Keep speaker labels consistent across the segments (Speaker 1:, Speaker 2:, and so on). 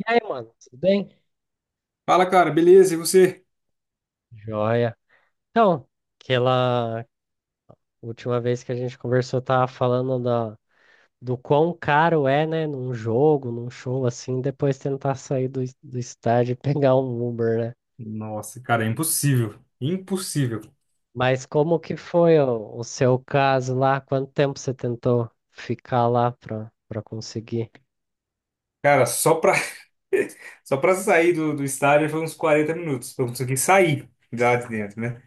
Speaker 1: E aí, mano, tudo bem?
Speaker 2: Fala, cara, beleza? E você?
Speaker 1: Joia. Então, aquela última vez que a gente conversou, tava falando do quão caro é, né, num jogo, num show assim, depois tentar sair do estádio e pegar um Uber, né?
Speaker 2: Nossa, cara, é impossível. Impossível.
Speaker 1: Mas como que foi o seu caso lá? Quanto tempo você tentou ficar lá pra conseguir?
Speaker 2: Cara, só pra sair do estádio foi uns 40 minutos. Pra conseguir sair lá de dentro, né?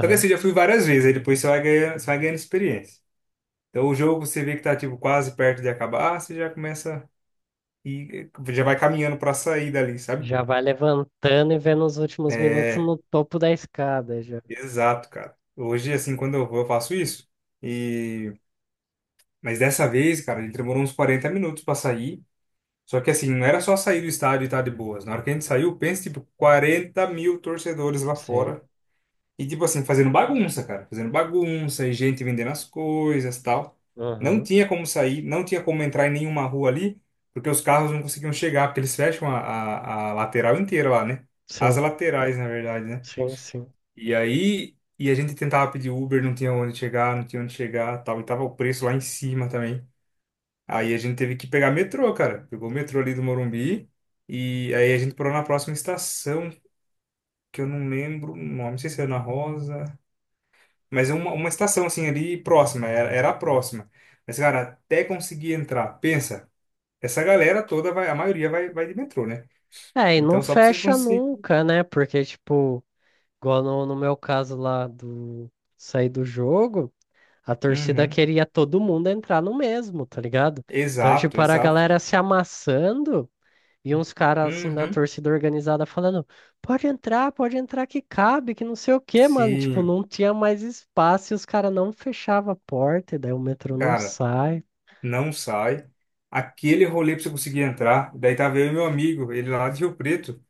Speaker 2: Só que assim, eu já fui várias vezes, aí depois você vai ganhando experiência. Então o jogo você vê que tá tipo quase perto de acabar, você já começa e já vai caminhando pra sair dali, sabe?
Speaker 1: Já vai levantando e vendo os últimos minutos
Speaker 2: É,
Speaker 1: no topo da escada, já.
Speaker 2: exato, cara. Hoje, assim, quando eu vou, eu faço isso. E... Mas dessa vez, cara, ele demorou uns 40 minutos pra sair. Só que assim, não era só sair do estádio e tá de boas. Na hora que a gente saiu, pensa, tipo, 40 mil torcedores lá
Speaker 1: Sim.
Speaker 2: fora. E, tipo assim, fazendo bagunça, cara. Fazendo bagunça e gente vendendo as coisas tal. Não
Speaker 1: Aham.
Speaker 2: tinha como sair, não tinha como entrar em nenhuma rua ali, porque os carros não conseguiam chegar, porque eles fecham a lateral inteira lá, né? As
Speaker 1: Sim,
Speaker 2: laterais, na verdade, né?
Speaker 1: sim, sim.
Speaker 2: E aí, a gente tentava pedir Uber, não tinha onde chegar, não tinha onde chegar, tal. E tava o preço lá em cima também. Aí a gente teve que pegar metrô, cara. Pegou o metrô ali do Morumbi. E aí a gente parou na próxima estação, que eu não lembro o nome, não sei se era na Rosa. Mas é uma estação assim ali próxima, era a próxima. Mas, cara, até conseguir entrar, pensa, essa galera toda vai, a maioria vai de metrô, né?
Speaker 1: É, e não
Speaker 2: Então só pra você
Speaker 1: fecha
Speaker 2: conseguir.
Speaker 1: nunca, né? Porque, tipo, igual no meu caso lá do sair do jogo, a torcida
Speaker 2: Uhum.
Speaker 1: queria todo mundo entrar no mesmo, tá ligado? Então,
Speaker 2: Exato,
Speaker 1: tipo, era a
Speaker 2: exato.
Speaker 1: galera se amassando e uns caras, assim, da
Speaker 2: Uhum.
Speaker 1: torcida organizada falando: pode entrar que cabe, que não sei o quê, mano. Tipo,
Speaker 2: Sim,
Speaker 1: não tinha mais espaço e os caras não fechavam a porta, e daí o metrô não
Speaker 2: cara,
Speaker 1: sai.
Speaker 2: não sai. Aquele rolê pra você conseguir entrar. Daí tava eu e meu amigo, ele lá de Rio Preto,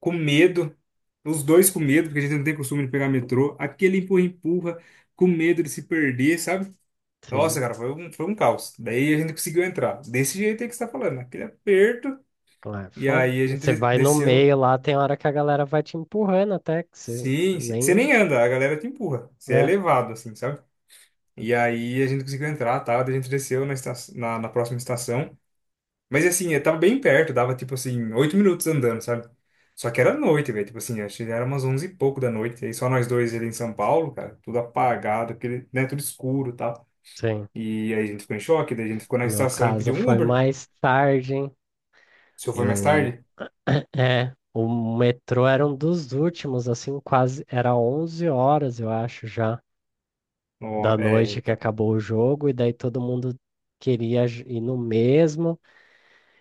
Speaker 2: com medo, os dois com medo, porque a gente não tem costume de pegar metrô, aquele empurra-empurra, com medo de se perder, sabe?
Speaker 1: Sim.
Speaker 2: Nossa, cara, foi um caos. Daí a gente conseguiu entrar, desse jeito aí que você tá falando, né? Aquele aperto,
Speaker 1: Ah, é
Speaker 2: e
Speaker 1: foda.
Speaker 2: aí a
Speaker 1: Você
Speaker 2: gente
Speaker 1: vai no
Speaker 2: desceu.
Speaker 1: meio lá, tem hora que a galera vai te empurrando até que você
Speaker 2: Sim, sim. Você
Speaker 1: nem.
Speaker 2: nem anda, a galera te empurra, você é
Speaker 1: É,
Speaker 2: levado, assim, sabe? E aí a gente conseguiu entrar, tá? Daí a gente desceu na próxima estação. Mas assim, eu tava bem perto, dava tipo assim, 8 minutos andando, sabe? Só que era noite, velho. Tipo assim, acho que era umas 11 e pouco da noite. Aí só nós dois ali em São Paulo, cara, tudo apagado, aquele, né, tudo escuro e tal.
Speaker 1: sim.
Speaker 2: E aí a gente ficou em choque, daí a gente ficou na
Speaker 1: O meu
Speaker 2: estação e
Speaker 1: caso
Speaker 2: pediu um
Speaker 1: foi
Speaker 2: Uber.
Speaker 1: mais tarde, hein?
Speaker 2: Se eu for mais
Speaker 1: Eu.
Speaker 2: tarde?
Speaker 1: É, o metrô era um dos últimos, assim, quase. Era 11 horas, eu acho, já,
Speaker 2: Ó,
Speaker 1: da
Speaker 2: é,
Speaker 1: noite que
Speaker 2: então.
Speaker 1: acabou o jogo, e daí todo mundo queria ir no mesmo.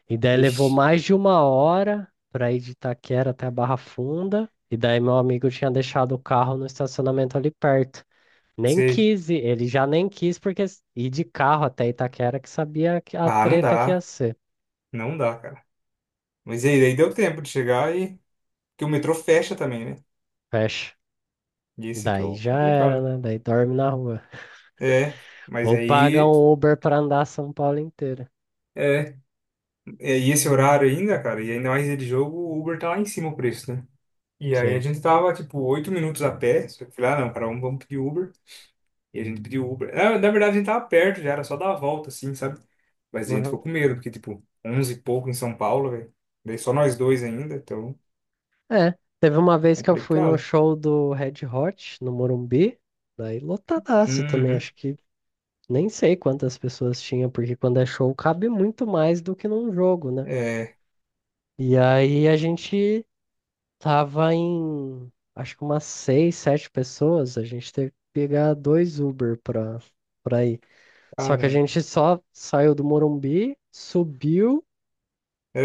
Speaker 1: E daí levou
Speaker 2: Ixi,
Speaker 1: mais de uma hora pra ir de Itaquera até a Barra Funda. E daí meu amigo tinha deixado o carro no estacionamento ali perto. Nem
Speaker 2: sei.
Speaker 1: quis ir, ele já nem quis, porque ir de carro até Itaquera, que sabia que a
Speaker 2: Ah, não
Speaker 1: treta que ia
Speaker 2: dá.
Speaker 1: ser.
Speaker 2: Não dá, cara. Mas aí, daí deu tempo de chegar. Porque o metrô fecha também, né?
Speaker 1: Fecha.
Speaker 2: E esse que é
Speaker 1: Daí
Speaker 2: o
Speaker 1: já era,
Speaker 2: complicado.
Speaker 1: né? Daí dorme na rua.
Speaker 2: É, mas
Speaker 1: Ou paga
Speaker 2: aí.
Speaker 1: um Uber pra andar São Paulo inteira.
Speaker 2: é, E esse horário ainda, cara, e ainda mais dia de jogo, o Uber tá lá em cima o preço, né? E aí a
Speaker 1: Sim.
Speaker 2: gente tava, tipo, 8 minutos a pé, só que eu falei, ah, não, cara, vamos pedir Uber. E a gente pediu Uber. Na verdade, a gente tava perto já, era só dar a volta, assim, sabe? Mas a gente
Speaker 1: Uhum.
Speaker 2: ficou com medo, porque, tipo, 11 e pouco em São Paulo, velho. Daí só nós dois ainda, então,
Speaker 1: É, teve uma vez que eu fui no
Speaker 2: complicado.
Speaker 1: show do Red Hot, no Morumbi, daí lotadaço também,
Speaker 2: Uhum.
Speaker 1: acho que nem sei quantas pessoas tinha, porque quando é show cabe muito mais do que num jogo, né?
Speaker 2: É,
Speaker 1: E aí a gente tava em, acho que umas seis, sete pessoas. A gente teve que pegar dois Uber pra ir. Só que a
Speaker 2: caramba.
Speaker 1: gente só saiu do Morumbi, subiu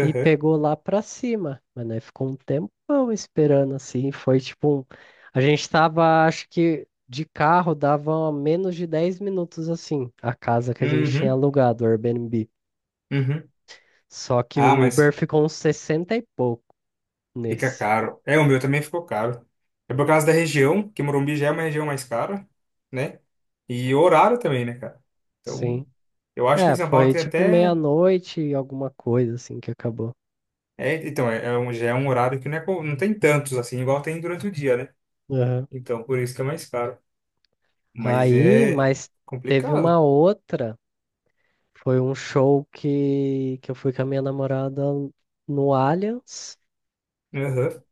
Speaker 1: e pegou lá pra cima. Mas né, ficou um tempão esperando assim. Foi tipo um... A gente tava, acho que de carro dava menos de 10 minutos assim, a casa que a gente tinha
Speaker 2: Uhum.
Speaker 1: alugado, o Airbnb.
Speaker 2: Uhum.
Speaker 1: Só que o
Speaker 2: Ah,
Speaker 1: Uber
Speaker 2: mas,
Speaker 1: ficou uns 60 e pouco
Speaker 2: Fica
Speaker 1: nesse.
Speaker 2: caro. É, o meu também ficou caro. É por causa da região, que Morumbi já é uma região mais cara, né? E o horário também, né, cara? Então,
Speaker 1: Sim.
Speaker 2: eu acho que em
Speaker 1: É,
Speaker 2: São Paulo
Speaker 1: foi
Speaker 2: tem
Speaker 1: tipo
Speaker 2: até.
Speaker 1: meia-noite e alguma coisa assim que acabou.
Speaker 2: É, então, é, é um, já é um horário que não tem tantos, assim, igual tem durante o dia, né?
Speaker 1: Aham.
Speaker 2: Então, por isso que é mais caro. Mas
Speaker 1: Aí,
Speaker 2: é
Speaker 1: mas teve
Speaker 2: complicado.
Speaker 1: uma outra, foi um show que eu fui com a minha namorada no Allianz,
Speaker 2: Aham.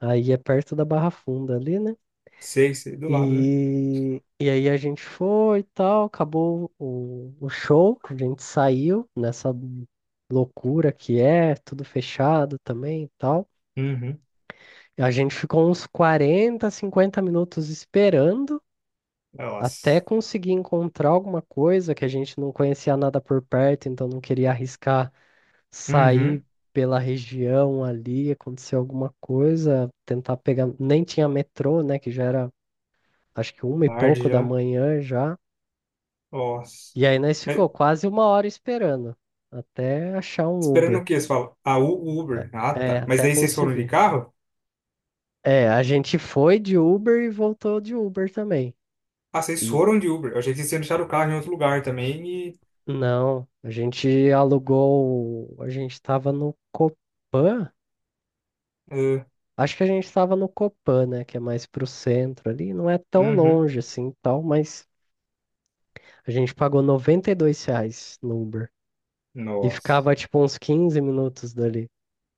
Speaker 1: aí é perto da Barra Funda ali, né?
Speaker 2: Sei, sei, do lado, né?
Speaker 1: E aí a gente foi e tal, acabou o show, a gente saiu nessa loucura que é, tudo fechado também e tal.
Speaker 2: Uhum.
Speaker 1: A gente ficou uns 40, 50 minutos esperando. Até
Speaker 2: Nossa.
Speaker 1: conseguir encontrar alguma coisa que a gente não conhecia nada por perto, então não queria arriscar sair
Speaker 2: Uhum.
Speaker 1: pela região ali, acontecer alguma coisa, tentar pegar. Nem tinha metrô, né? Que já era, acho que uma e
Speaker 2: Tarde
Speaker 1: pouco da
Speaker 2: já.
Speaker 1: manhã já.
Speaker 2: Nossa.
Speaker 1: E aí nós ficou
Speaker 2: É,
Speaker 1: quase uma hora esperando até achar um
Speaker 2: esperando o
Speaker 1: Uber.
Speaker 2: quê? Você fala, ah, o Uber. Ah,
Speaker 1: É,
Speaker 2: tá. Mas
Speaker 1: até
Speaker 2: daí vocês foram de
Speaker 1: conseguir.
Speaker 2: carro?
Speaker 1: É, a gente foi de Uber e voltou de Uber também.
Speaker 2: Ah, vocês
Speaker 1: E
Speaker 2: foram de Uber. Eu achei que vocês tinham deixado o carro em outro lugar também.
Speaker 1: não, a gente alugou, a gente tava no Copan.
Speaker 2: Ah,
Speaker 1: Acho que a gente estava no Copan, né? Que é mais pro centro ali. Não é tão
Speaker 2: uhum.
Speaker 1: longe assim, tal, mas a gente pagou R$ 92 no Uber. E
Speaker 2: Nossa.
Speaker 1: ficava tipo uns 15 minutos dali.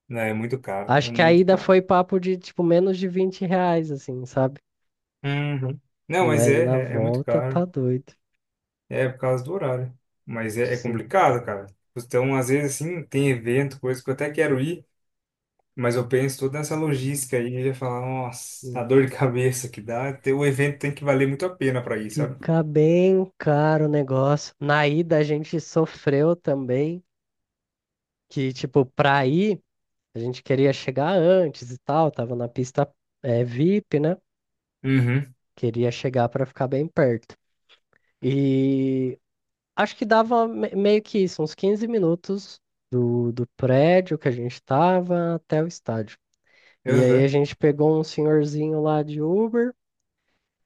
Speaker 2: Não, é muito caro. É
Speaker 1: Acho que a
Speaker 2: muito
Speaker 1: ida
Speaker 2: caro.
Speaker 1: foi papo de tipo menos de R$ 20, assim, sabe?
Speaker 2: Uhum. Não, mas
Speaker 1: Mas na
Speaker 2: é muito
Speaker 1: volta
Speaker 2: caro.
Speaker 1: tá doido.
Speaker 2: É por causa do horário. Mas é
Speaker 1: Sim.
Speaker 2: complicado, cara. Então, às vezes, assim, tem evento, coisa que eu até quero ir, mas eu penso toda nessa logística aí e já falar, nossa, a
Speaker 1: né,
Speaker 2: dor de
Speaker 1: fi-
Speaker 2: cabeça que dá. O evento tem que valer muito a pena pra ir, sabe?
Speaker 1: Fica bem caro o negócio. Na ida a gente sofreu também, que tipo, pra ir, a gente queria chegar antes e tal, tava na pista é, VIP, né?
Speaker 2: Uhum.
Speaker 1: Queria chegar para ficar bem perto. E acho que dava meio que isso, uns 15 minutos do prédio que a gente estava até o estádio. E aí a
Speaker 2: Uhum.
Speaker 1: gente pegou um senhorzinho lá de Uber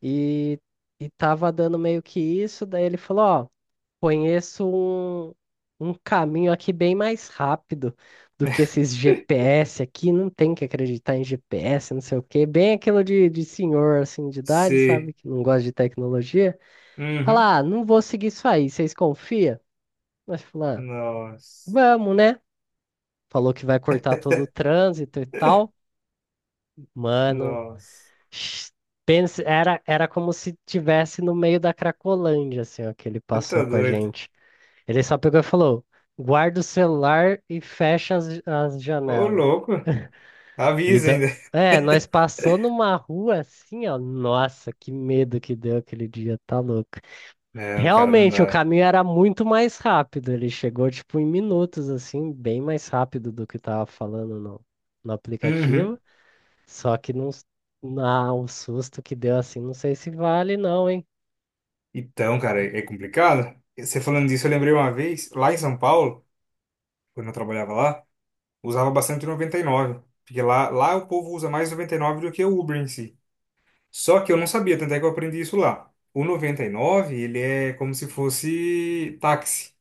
Speaker 1: e, e tava dando meio que isso. Daí ele falou: Ó, conheço um caminho aqui bem mais rápido do que esses GPS aqui. Não tem que acreditar em GPS, não sei o quê. Bem aquilo de senhor assim de idade,
Speaker 2: Sei.
Speaker 1: sabe? Que não gosta de tecnologia.
Speaker 2: Uhum.
Speaker 1: Falar, ah, não vou seguir isso aí, vocês confiam? Mas falar, ah,
Speaker 2: Nossa.
Speaker 1: vamos, né? Falou que vai cortar todo o trânsito e tal. Mano,
Speaker 2: Nossa.
Speaker 1: sh- pense, era como se tivesse no meio da Cracolândia, assim, ó, que ele
Speaker 2: Você tá
Speaker 1: passou com a
Speaker 2: doido.
Speaker 1: gente. Ele só pegou e falou: guarda o celular e fecha as
Speaker 2: Ô,
Speaker 1: janelas.
Speaker 2: louco.
Speaker 1: E
Speaker 2: Avisa
Speaker 1: da...
Speaker 2: ainda.
Speaker 1: É, nós passou numa rua assim, ó. Nossa, que medo que deu aquele dia, tá louco.
Speaker 2: Não, cara, não
Speaker 1: Realmente, o
Speaker 2: dá.
Speaker 1: caminho era muito mais rápido. Ele chegou, tipo, em minutos, assim, bem mais rápido do que tava falando no aplicativo.
Speaker 2: Uhum.
Speaker 1: Só que não, na, o susto que deu, assim, não sei se vale, não, hein?
Speaker 2: Então, cara, é complicado. Você falando disso, eu lembrei uma vez, lá em São Paulo, quando eu trabalhava lá, usava bastante o 99. Porque lá o povo usa mais o 9 do que o Uber em si. Só que eu não sabia, tanto é que eu aprendi isso lá. O 99, ele é como se fosse táxi.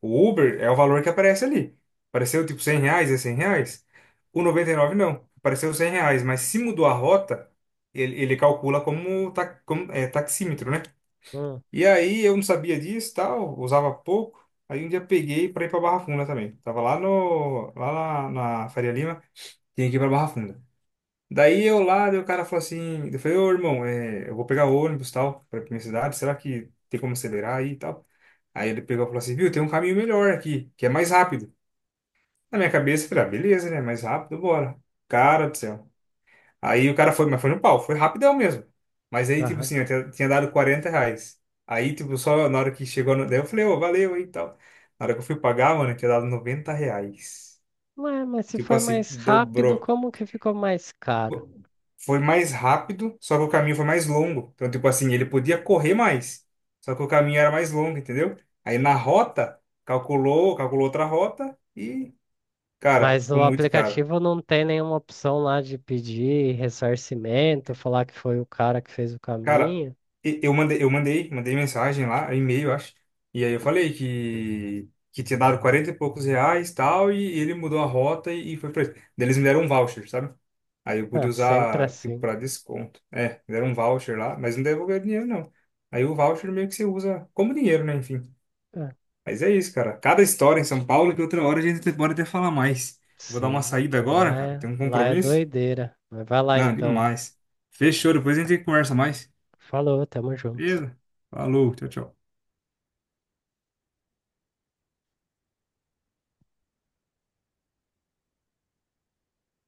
Speaker 2: O Uber é o valor que aparece ali. Apareceu tipo R$ 100, é R$ 100. O 99 não. Apareceu R$ 100, mas se mudou a rota, ele calcula como é, taxímetro, né?
Speaker 1: Hum,
Speaker 2: E aí eu não sabia disso, tal, usava pouco. Aí um dia peguei para ir para Barra Funda também. Tava lá no lá na, na Faria Lima, tinha que ir para Barra Funda. Daí eu lá, daí o cara falou assim, eu falei, ô irmão, eu vou pegar ônibus, tal, para minha cidade, será que tem como acelerar aí e tal? Aí ele pegou e falou assim, viu, tem um caminho melhor aqui, que é mais rápido. Na minha cabeça, eu falei, ah, beleza, né? Mais rápido, bora. Cara do céu. Aí o cara foi, mas foi no pau, foi rapidão mesmo. Mas aí, tipo
Speaker 1: aham.
Speaker 2: assim, eu tinha dado R$ 40. Aí, tipo, só na hora que chegou, no... daí eu falei, ô, valeu aí e tal. Na hora que eu fui pagar, mano, eu tinha dado R$ 90.
Speaker 1: Ué, mas se
Speaker 2: Tipo
Speaker 1: foi
Speaker 2: assim,
Speaker 1: mais rápido,
Speaker 2: dobrou.
Speaker 1: como que ficou mais caro?
Speaker 2: Foi mais rápido, só que o caminho foi mais longo. Então, tipo assim, ele podia correr mais, só que o caminho era mais longo, entendeu? Aí na rota, calculou outra rota e, cara,
Speaker 1: Mas
Speaker 2: ficou
Speaker 1: o
Speaker 2: muito caro.
Speaker 1: aplicativo não tem nenhuma opção lá de pedir ressarcimento, falar que foi o cara que fez o
Speaker 2: Cara,
Speaker 1: caminho.
Speaker 2: mandei mensagem lá, e-mail, acho. E aí eu falei que tinha dado R$ 40 e poucos tal, e ele mudou a rota e foi pra ele. Daí eles me deram um voucher, sabe? Aí eu pude
Speaker 1: Ah, sempre
Speaker 2: usar tipo,
Speaker 1: assim.
Speaker 2: pra desconto. É, me deram um voucher lá, mas não devolveram dinheiro, não. Aí o voucher meio que você usa como dinheiro, né? Enfim.
Speaker 1: Ah.
Speaker 2: Mas é isso, cara. Cada história em São Paulo que outra hora a gente pode até falar mais. Vou dar uma
Speaker 1: Sim,
Speaker 2: saída agora, cara. Tem um
Speaker 1: lá é
Speaker 2: compromisso?
Speaker 1: doideira. Mas vai lá
Speaker 2: Não,
Speaker 1: então.
Speaker 2: demais. Fechou, depois a gente conversa mais.
Speaker 1: Falou, tamo junto.
Speaker 2: Beleza? Falou, tchau, tchau.